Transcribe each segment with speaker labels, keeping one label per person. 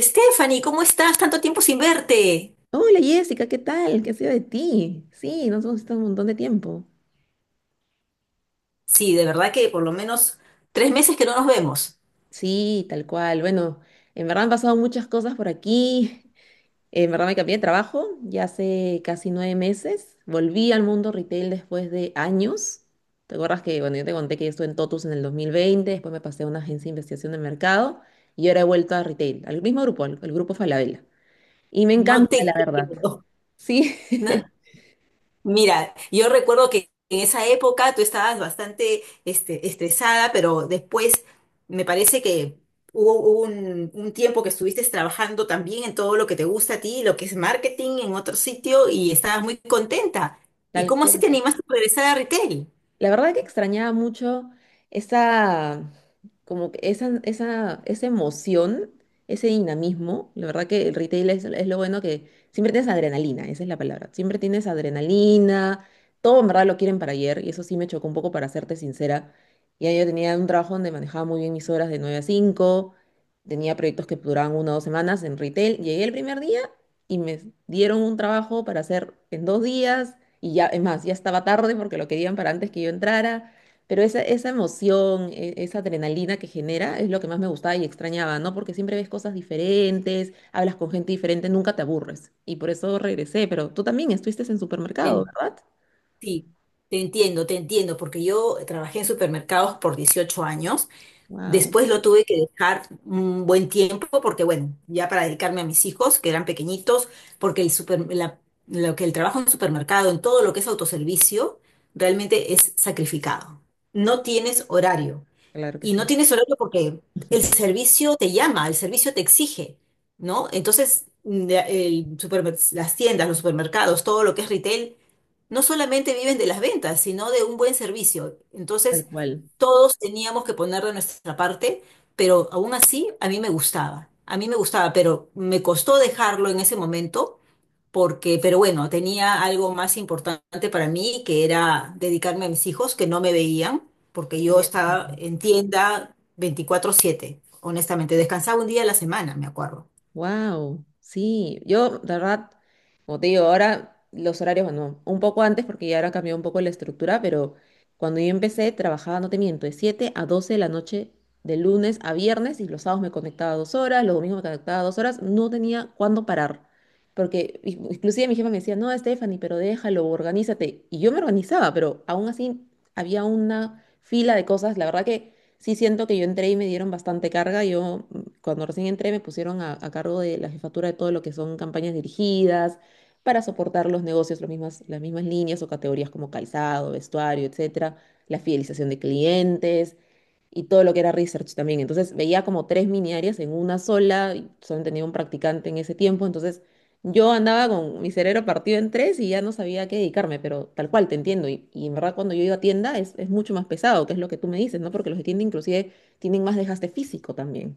Speaker 1: Stephanie, ¿cómo estás? Tanto tiempo sin verte.
Speaker 2: Hola Jessica, ¿qué tal? ¿Qué ha sido de ti? Sí, nos hemos visto un montón de tiempo.
Speaker 1: Sí, de verdad que por lo menos tres meses que no nos vemos.
Speaker 2: Sí, tal cual. Bueno, en verdad han pasado muchas cosas por aquí. En verdad me cambié de trabajo ya hace casi 9 meses. Volví al mundo retail después de años. ¿Te acuerdas que, bueno, yo te conté que yo estuve en Totus en el 2020, después me pasé a una agencia de investigación de mercado y ahora he vuelto a retail, al mismo grupo, al grupo Falabella. Y me
Speaker 1: No
Speaker 2: encanta,
Speaker 1: te
Speaker 2: la verdad.
Speaker 1: creo.
Speaker 2: Sí,
Speaker 1: No. Mira, yo recuerdo que en esa época tú estabas bastante estresada, pero después me parece que hubo un tiempo que estuviste trabajando también en todo lo que te gusta a ti, lo que es marketing en otro sitio, y estabas muy contenta. ¿Y
Speaker 2: tal
Speaker 1: cómo así
Speaker 2: cual.
Speaker 1: te animaste a regresar a retail?
Speaker 2: La verdad que extrañaba mucho esa, como que esa emoción, ese dinamismo. La verdad que el retail es lo bueno que siempre tienes adrenalina, esa es la palabra. Siempre tienes adrenalina, todo en verdad lo quieren para ayer y eso sí me chocó un poco para serte sincera. Ya yo tenía un trabajo donde manejaba muy bien mis horas de 9 a 5. Tenía proyectos que duraban 1 o 2 semanas en retail. Llegué el primer día y me dieron un trabajo para hacer en 2 días. Y ya, es más, ya estaba tarde porque lo querían para antes que yo entrara. Pero esa emoción, esa adrenalina que genera es lo que más me gustaba y extrañaba, ¿no? Porque siempre ves cosas diferentes, hablas con gente diferente, nunca te aburres. Y por eso regresé, pero tú también estuviste en supermercado, ¿verdad?
Speaker 1: Sí, te entiendo, porque yo trabajé en supermercados por 18 años,
Speaker 2: Wow,
Speaker 1: después lo tuve que dejar un buen tiempo, porque bueno, ya para dedicarme a mis hijos, que eran pequeñitos, porque lo que el trabajo en supermercado, en todo lo que es autoservicio, realmente es sacrificado.
Speaker 2: sí,
Speaker 1: No tienes horario.
Speaker 2: claro que
Speaker 1: Y no
Speaker 2: sí.
Speaker 1: tienes horario porque el servicio te llama, el servicio te exige, ¿no? Entonces, las tiendas, los supermercados, todo lo que es retail, no solamente viven de las ventas, sino de un buen servicio.
Speaker 2: Tal
Speaker 1: Entonces,
Speaker 2: cual.
Speaker 1: todos teníamos que poner de nuestra parte, pero aún así a mí me gustaba, a mí me gustaba, pero me costó dejarlo en ese momento porque, pero bueno, tenía algo más importante para mí, que era dedicarme a mis hijos, que no me veían, porque
Speaker 2: Sí,
Speaker 1: yo
Speaker 2: me
Speaker 1: estaba
Speaker 2: imagino.
Speaker 1: en tienda 24/7 honestamente, descansaba un día a la semana, me acuerdo.
Speaker 2: Wow, sí, yo de verdad, como te digo, ahora los horarios, bueno, un poco antes porque ya ahora cambió un poco la estructura, pero cuando yo empecé trabajaba, no te miento, de 7 a 12 de la noche, de lunes a viernes, y los sábados me conectaba 2 horas, los domingos me conectaba 2 horas, no tenía cuándo parar, porque inclusive mi jefa me decía, no, Stephanie, pero déjalo, organízate, y yo me organizaba, pero aún así había una fila de cosas, la verdad que sí siento que yo entré y me dieron bastante carga, yo cuando recién entré me pusieron a cargo de la jefatura de todo lo que son campañas dirigidas para soportar los negocios, las mismas líneas o categorías como calzado, vestuario, etcétera, la fidelización de clientes y todo lo que era research también. Entonces veía como tres mini áreas en una sola, y solo tenía un practicante en ese tiempo, entonces yo andaba con mi cerebro partido en tres y ya no sabía a qué dedicarme, pero tal cual, te entiendo. Y en verdad cuando yo iba a tienda es mucho más pesado, que es lo que tú me dices, ¿no? Porque los de tienda inclusive tienen más desgaste físico también.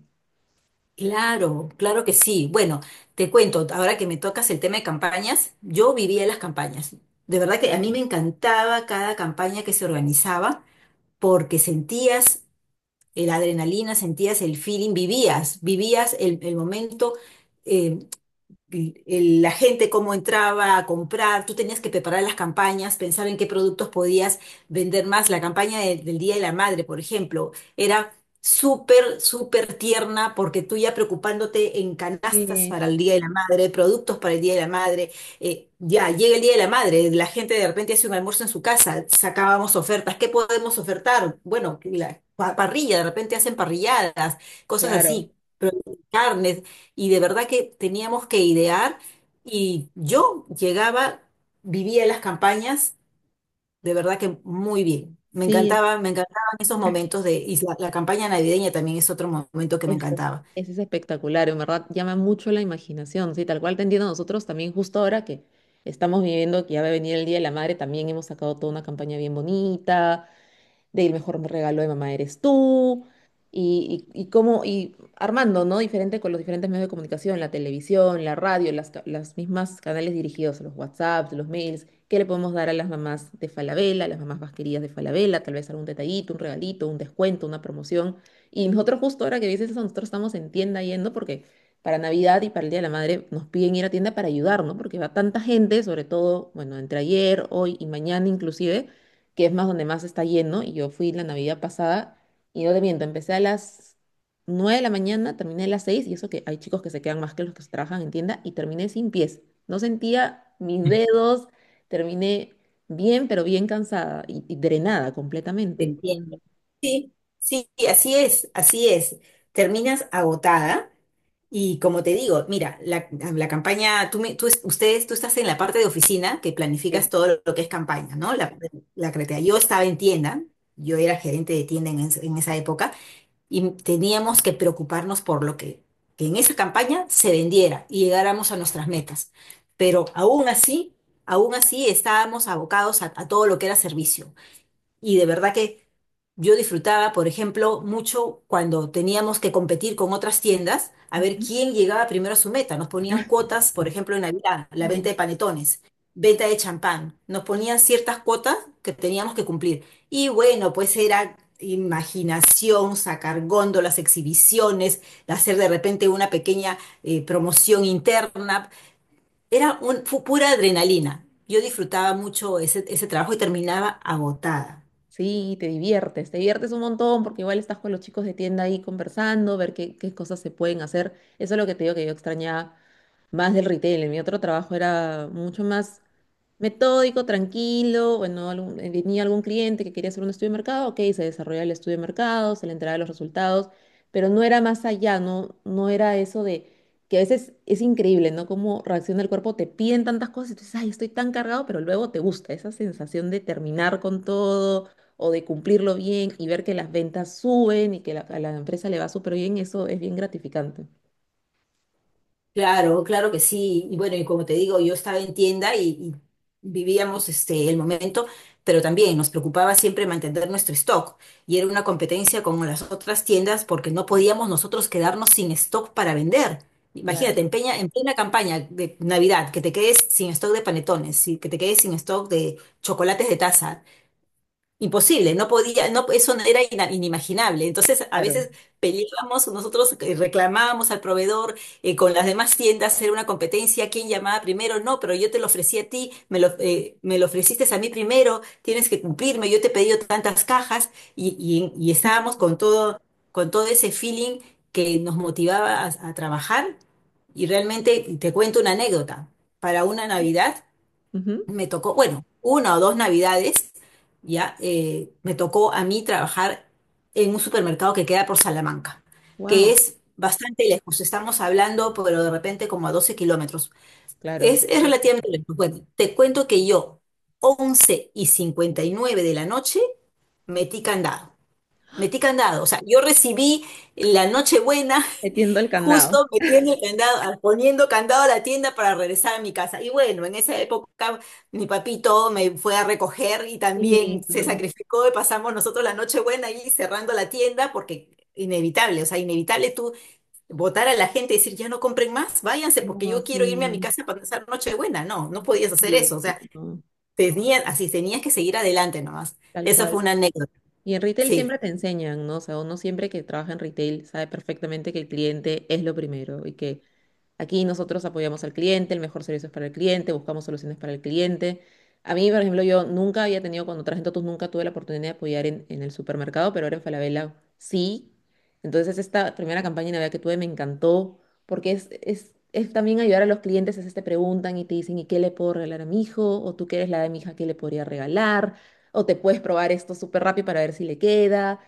Speaker 1: Claro, claro que sí. Bueno, te cuento, ahora que me tocas el tema de campañas, yo vivía las campañas. De verdad que a mí me encantaba cada campaña que se organizaba porque sentías la adrenalina, sentías el feeling, vivías, vivías el momento. Eh, la gente cómo entraba a comprar, tú tenías que preparar las campañas, pensar en qué productos podías vender más. La campaña del Día de la Madre, por ejemplo, era súper, súper tierna porque tú ya preocupándote en canastas
Speaker 2: Sí,
Speaker 1: para el Día de la Madre, productos para el Día de la Madre, ya llega el Día de la Madre, la gente de repente hace un almuerzo en su casa, sacábamos ofertas. ¿Qué podemos ofertar? Bueno, la parrilla, de repente hacen parrilladas, cosas
Speaker 2: claro.
Speaker 1: así, pero carnes. Y de verdad que teníamos que idear y yo llegaba, vivía en las campañas, de verdad que muy bien. Me
Speaker 2: Sí,
Speaker 1: encantaba, me encantaban esos momentos y la campaña navideña también es otro momento que me
Speaker 2: eso es,
Speaker 1: encantaba.
Speaker 2: eso es espectacular, en verdad llama mucho la imaginación, sí, tal cual te entiendo nosotros también justo ahora que estamos viviendo que ya va a venir el Día de la Madre, también hemos sacado toda una campaña bien bonita, de el mejor regalo de mamá eres tú, y cómo, y armando, ¿no? Diferente con los diferentes medios de comunicación, la televisión, la radio, las mismas canales dirigidos, los WhatsApps, los mails, qué le podemos dar a las mamás de Falabella, a las mamás más queridas de Falabella, tal vez algún detallito, un regalito, un descuento, una promoción. Y nosotros justo ahora que dices eso, nosotros estamos en tienda yendo porque para Navidad y para el Día de la Madre nos piden ir a tienda para ayudar, ¿no? Porque va tanta gente, sobre todo, bueno, entre ayer, hoy y mañana inclusive, que es más donde más está lleno, y yo fui la Navidad pasada, y no te miento, empecé a las 9 de la mañana, terminé a las 6 y eso que hay chicos que se quedan más que los que se trabajan en tienda, y terminé sin pies. No sentía mis dedos, terminé bien, pero bien cansada y drenada
Speaker 1: Te
Speaker 2: completamente.
Speaker 1: entiendo. Sí, sí, así es, así es. Terminas agotada. Y como te digo, mira, la campaña, tú, me- tú, es- ustedes, tú estás en la parte de oficina que planificas
Speaker 2: Sí.
Speaker 1: todo lo que es campaña, ¿no? La creatividad. Yo estaba en tienda, yo era gerente de tienda en esa época y teníamos que preocuparnos por lo que en esa campaña se vendiera y llegáramos a nuestras metas. Pero aún así estábamos abocados a todo lo que era servicio. Y de verdad que yo disfrutaba, por ejemplo, mucho cuando teníamos que competir con otras tiendas a ver
Speaker 2: Ujú.
Speaker 1: quién llegaba primero a su meta. Nos ponían cuotas, por ejemplo, en Navidad, la
Speaker 2: No.
Speaker 1: venta de panetones, venta de champán. Nos ponían ciertas cuotas que teníamos que cumplir. Y bueno, pues era imaginación, sacar góndolas, exhibiciones, hacer de repente una pequeña promoción interna. Era pura adrenalina. Yo disfrutaba mucho ese trabajo y terminaba agotada.
Speaker 2: Sí, te diviertes un montón porque igual estás con los chicos de tienda ahí conversando, ver qué, qué cosas se pueden hacer. Eso es lo que te digo que yo extrañaba más del retail. En mi otro trabajo era mucho más metódico, tranquilo. Bueno, venía algún cliente que quería hacer un estudio de mercado, ok, se desarrollaba el estudio de mercado, se le entregaba los resultados, pero no era más allá, no, no era eso de que a veces es increíble, ¿no? Cómo reacciona el cuerpo, te piden tantas cosas y tú dices, ay, estoy tan cargado, pero luego te gusta esa sensación de terminar con todo o de cumplirlo bien y ver que las ventas suben y que la- a la empresa le va súper bien, eso es bien gratificante.
Speaker 1: Claro, claro que sí. Y bueno, y como te digo, yo estaba en tienda y vivíamos el momento, pero también nos preocupaba siempre mantener nuestro stock. Y era una competencia con las otras tiendas porque no podíamos nosotros quedarnos sin stock para vender. Imagínate,
Speaker 2: Claro,
Speaker 1: en en plena campaña de Navidad, que te quedes sin stock de panetones, y que te quedes sin stock de chocolates de taza. Imposible, no podía, no, eso no era inimaginable. Entonces, a
Speaker 2: claro.
Speaker 1: veces peleábamos, nosotros reclamábamos al proveedor con las demás tiendas, era una competencia, quién llamaba primero, no, pero yo te lo ofrecí a ti, me lo ofreciste a mí primero, tienes que cumplirme, yo te he pedido tantas cajas y estábamos con todo ese feeling que nos motivaba a trabajar. Y realmente, te cuento una anécdota, para una Navidad
Speaker 2: Ujú.
Speaker 1: me tocó, bueno, una o dos navidades, ya, me tocó a mí trabajar en un supermercado que queda por Salamanca, que
Speaker 2: Wow,
Speaker 1: es bastante lejos, estamos hablando, pero de repente como a 12 kilómetros.
Speaker 2: claro.
Speaker 1: Es
Speaker 2: Sí,
Speaker 1: relativamente lejos. Bueno, te cuento que yo, 11:59 de la noche, metí candado. Metí candado, o sea, yo recibí la Nochebuena
Speaker 2: metiendo el candado.
Speaker 1: justo metiendo candado, poniendo candado a la tienda para regresar a mi casa. Y bueno, en esa época mi papito me fue a recoger y
Speaker 2: Sí,
Speaker 1: también se
Speaker 2: no,
Speaker 1: sacrificó y pasamos nosotros la nochebuena buena ahí cerrando la tienda porque inevitable, o sea, inevitable tú votar a la gente y decir, ya no compren más, váyanse porque
Speaker 2: no,
Speaker 1: yo quiero irme a mi
Speaker 2: sí,
Speaker 1: casa para pasar nochebuena. No, no podías hacer
Speaker 2: imposible,
Speaker 1: eso, o sea,
Speaker 2: no,
Speaker 1: tenías, así tenías que seguir adelante nomás.
Speaker 2: tal
Speaker 1: Eso fue
Speaker 2: cual.
Speaker 1: una anécdota.
Speaker 2: Y en retail
Speaker 1: Sí,
Speaker 2: siempre te enseñan, ¿no? O sea, uno siempre que trabaja en retail sabe perfectamente que el cliente es lo primero y que aquí nosotros apoyamos al cliente, el mejor servicio es para el cliente, buscamos soluciones para el cliente. A mí, por ejemplo, yo nunca había tenido, cuando trabajé en Totus, nunca tuve la oportunidad de apoyar en el supermercado, pero ahora en Falabella sí. Entonces, esta primera campaña de Navidad que tuve me encantó, porque es también ayudar a los clientes, a veces te preguntan y te dicen, ¿y qué le puedo regalar a mi hijo? O tú que eres la de mi hija, ¿qué le podría regalar? O te puedes probar esto súper rápido para ver si le queda.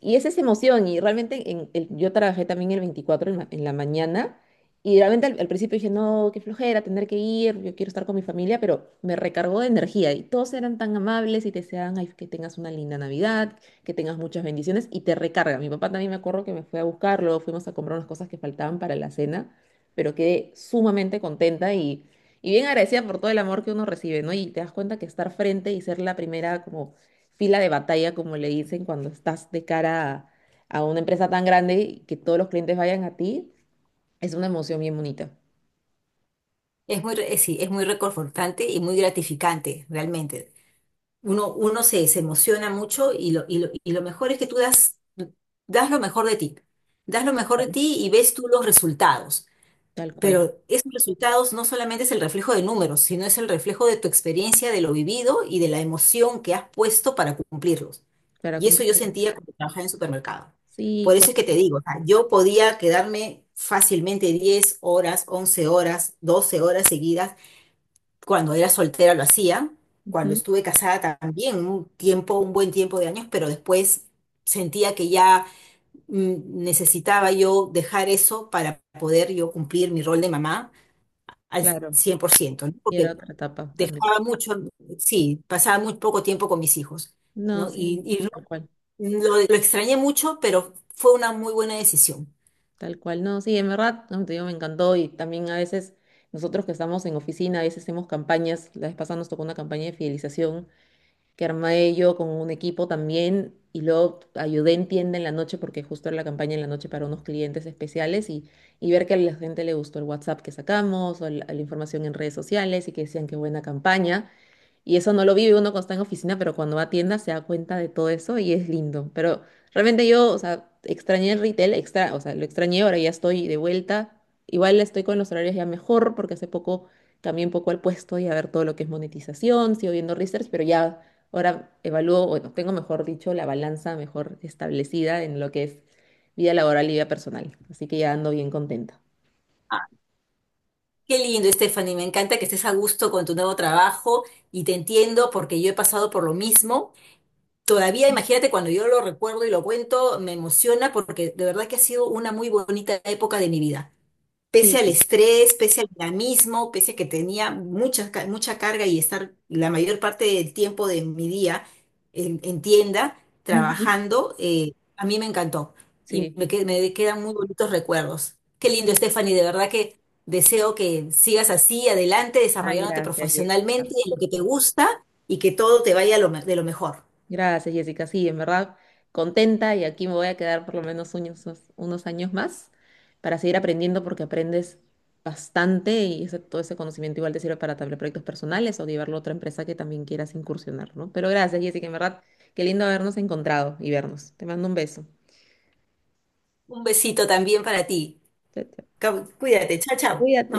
Speaker 2: Y es esa emoción, y realmente yo trabajé también el 24 en la mañana. Y realmente al principio dije, no, qué flojera tener que ir, yo quiero estar con mi familia, pero me recargó de energía y todos eran tan amables y te deseaban "Ay, que tengas una linda Navidad, que tengas muchas bendiciones y te recarga. Mi papá también me acuerdo que me fue a buscarlo, fuimos a comprar unas cosas que faltaban para la cena, pero quedé sumamente contenta y bien agradecida por todo el amor que uno recibe, ¿no? Y te das cuenta que estar frente y ser la primera como fila de batalla, como le dicen, cuando estás de cara a una empresa tan grande y que todos los clientes vayan a ti es una emoción bien bonita,
Speaker 1: sí, es muy reconfortante y muy gratificante, realmente. Uno se emociona mucho lo mejor es que tú das lo mejor de ti. Das lo mejor de
Speaker 2: Vale.
Speaker 1: ti y ves tú los resultados.
Speaker 2: tal cual,
Speaker 1: Pero esos resultados no solamente es el reflejo de números, sino es el reflejo de tu experiencia, de lo vivido y de la emoción que has puesto para cumplirlos.
Speaker 2: para
Speaker 1: Y eso yo
Speaker 2: cumplir.
Speaker 1: sentía cuando trabajaba en supermercado.
Speaker 2: Sí,
Speaker 1: Por
Speaker 2: con-
Speaker 1: eso es que te digo, o sea, yo podía quedarme fácilmente 10 horas, 11 horas, 12 horas seguidas cuando era soltera lo hacía, cuando
Speaker 2: Ujú,
Speaker 1: estuve casada también, un tiempo, un buen tiempo de años, pero después sentía que ya necesitaba yo dejar eso para poder yo cumplir mi rol de mamá al
Speaker 2: claro,
Speaker 1: 100%, ¿no?
Speaker 2: y era
Speaker 1: Porque
Speaker 2: otra etapa también.
Speaker 1: dejaba mucho, sí, pasaba muy poco tiempo con mis hijos,
Speaker 2: No,
Speaker 1: ¿no? Y,
Speaker 2: sí,
Speaker 1: y lo,
Speaker 2: tal cual,
Speaker 1: lo- lo extrañé mucho, pero fue una muy buena decisión.
Speaker 2: tal cual. No, sí, en verdad, no, te digo, me encantó y también a veces nosotros que estamos en oficina, a veces hacemos campañas, la vez pasada nos tocó una campaña de fidelización que armé yo con un equipo también y luego ayudé en tienda en la noche porque justo era la campaña en la noche para unos clientes especiales y ver que a la gente le gustó el WhatsApp que sacamos o la información en redes sociales y que decían qué buena campaña. Y eso no lo vive uno cuando está en oficina, pero cuando va a tienda se da cuenta de todo eso y es lindo. Pero realmente yo, o sea, extrañé el retail, o sea, lo extrañé, ahora ya estoy de vuelta. Igual estoy con los horarios ya mejor porque hace poco cambié un poco al puesto y a ver todo lo que es monetización, sigo viendo research, pero ya ahora evalúo, bueno, tengo mejor dicho, la balanza mejor establecida en lo que es vida laboral y vida personal. Así que ya ando bien contenta.
Speaker 1: Ah, qué lindo, Stephanie, me encanta que estés a gusto con tu nuevo trabajo y te entiendo porque yo he pasado por lo mismo. Todavía, imagínate, cuando yo lo recuerdo y lo cuento, me emociona porque de verdad que ha sido una muy bonita época de mi vida. Pese
Speaker 2: Sí.
Speaker 1: al estrés, pese al dinamismo, pese a que tenía mucha, mucha carga y estar la mayor parte del tiempo de mi día en tienda
Speaker 2: Ujú.
Speaker 1: trabajando, a mí me encantó y
Speaker 2: Sí.
Speaker 1: me quedan muy bonitos recuerdos. Qué lindo, Stephanie, de verdad que deseo que sigas así, adelante,
Speaker 2: Ay,
Speaker 1: desarrollándote
Speaker 2: gracias. Diego.
Speaker 1: profesionalmente en lo que te gusta y que todo te vaya de lo mejor.
Speaker 2: Gracias, Jessica. Sí, en verdad, contenta y aquí me voy a quedar por lo menos unos años más para seguir aprendiendo porque aprendes bastante y todo ese conocimiento igual te sirve para tal vez proyectos personales o llevarlo a otra empresa que también quieras incursionar, ¿no? Pero gracias, Jessica, en verdad, qué lindo habernos encontrado y vernos. Te mando un beso.
Speaker 1: Un besito también para ti.
Speaker 2: Chao, chao.
Speaker 1: Cuídate, chao, chao. Nos vemos.
Speaker 2: Cuídate.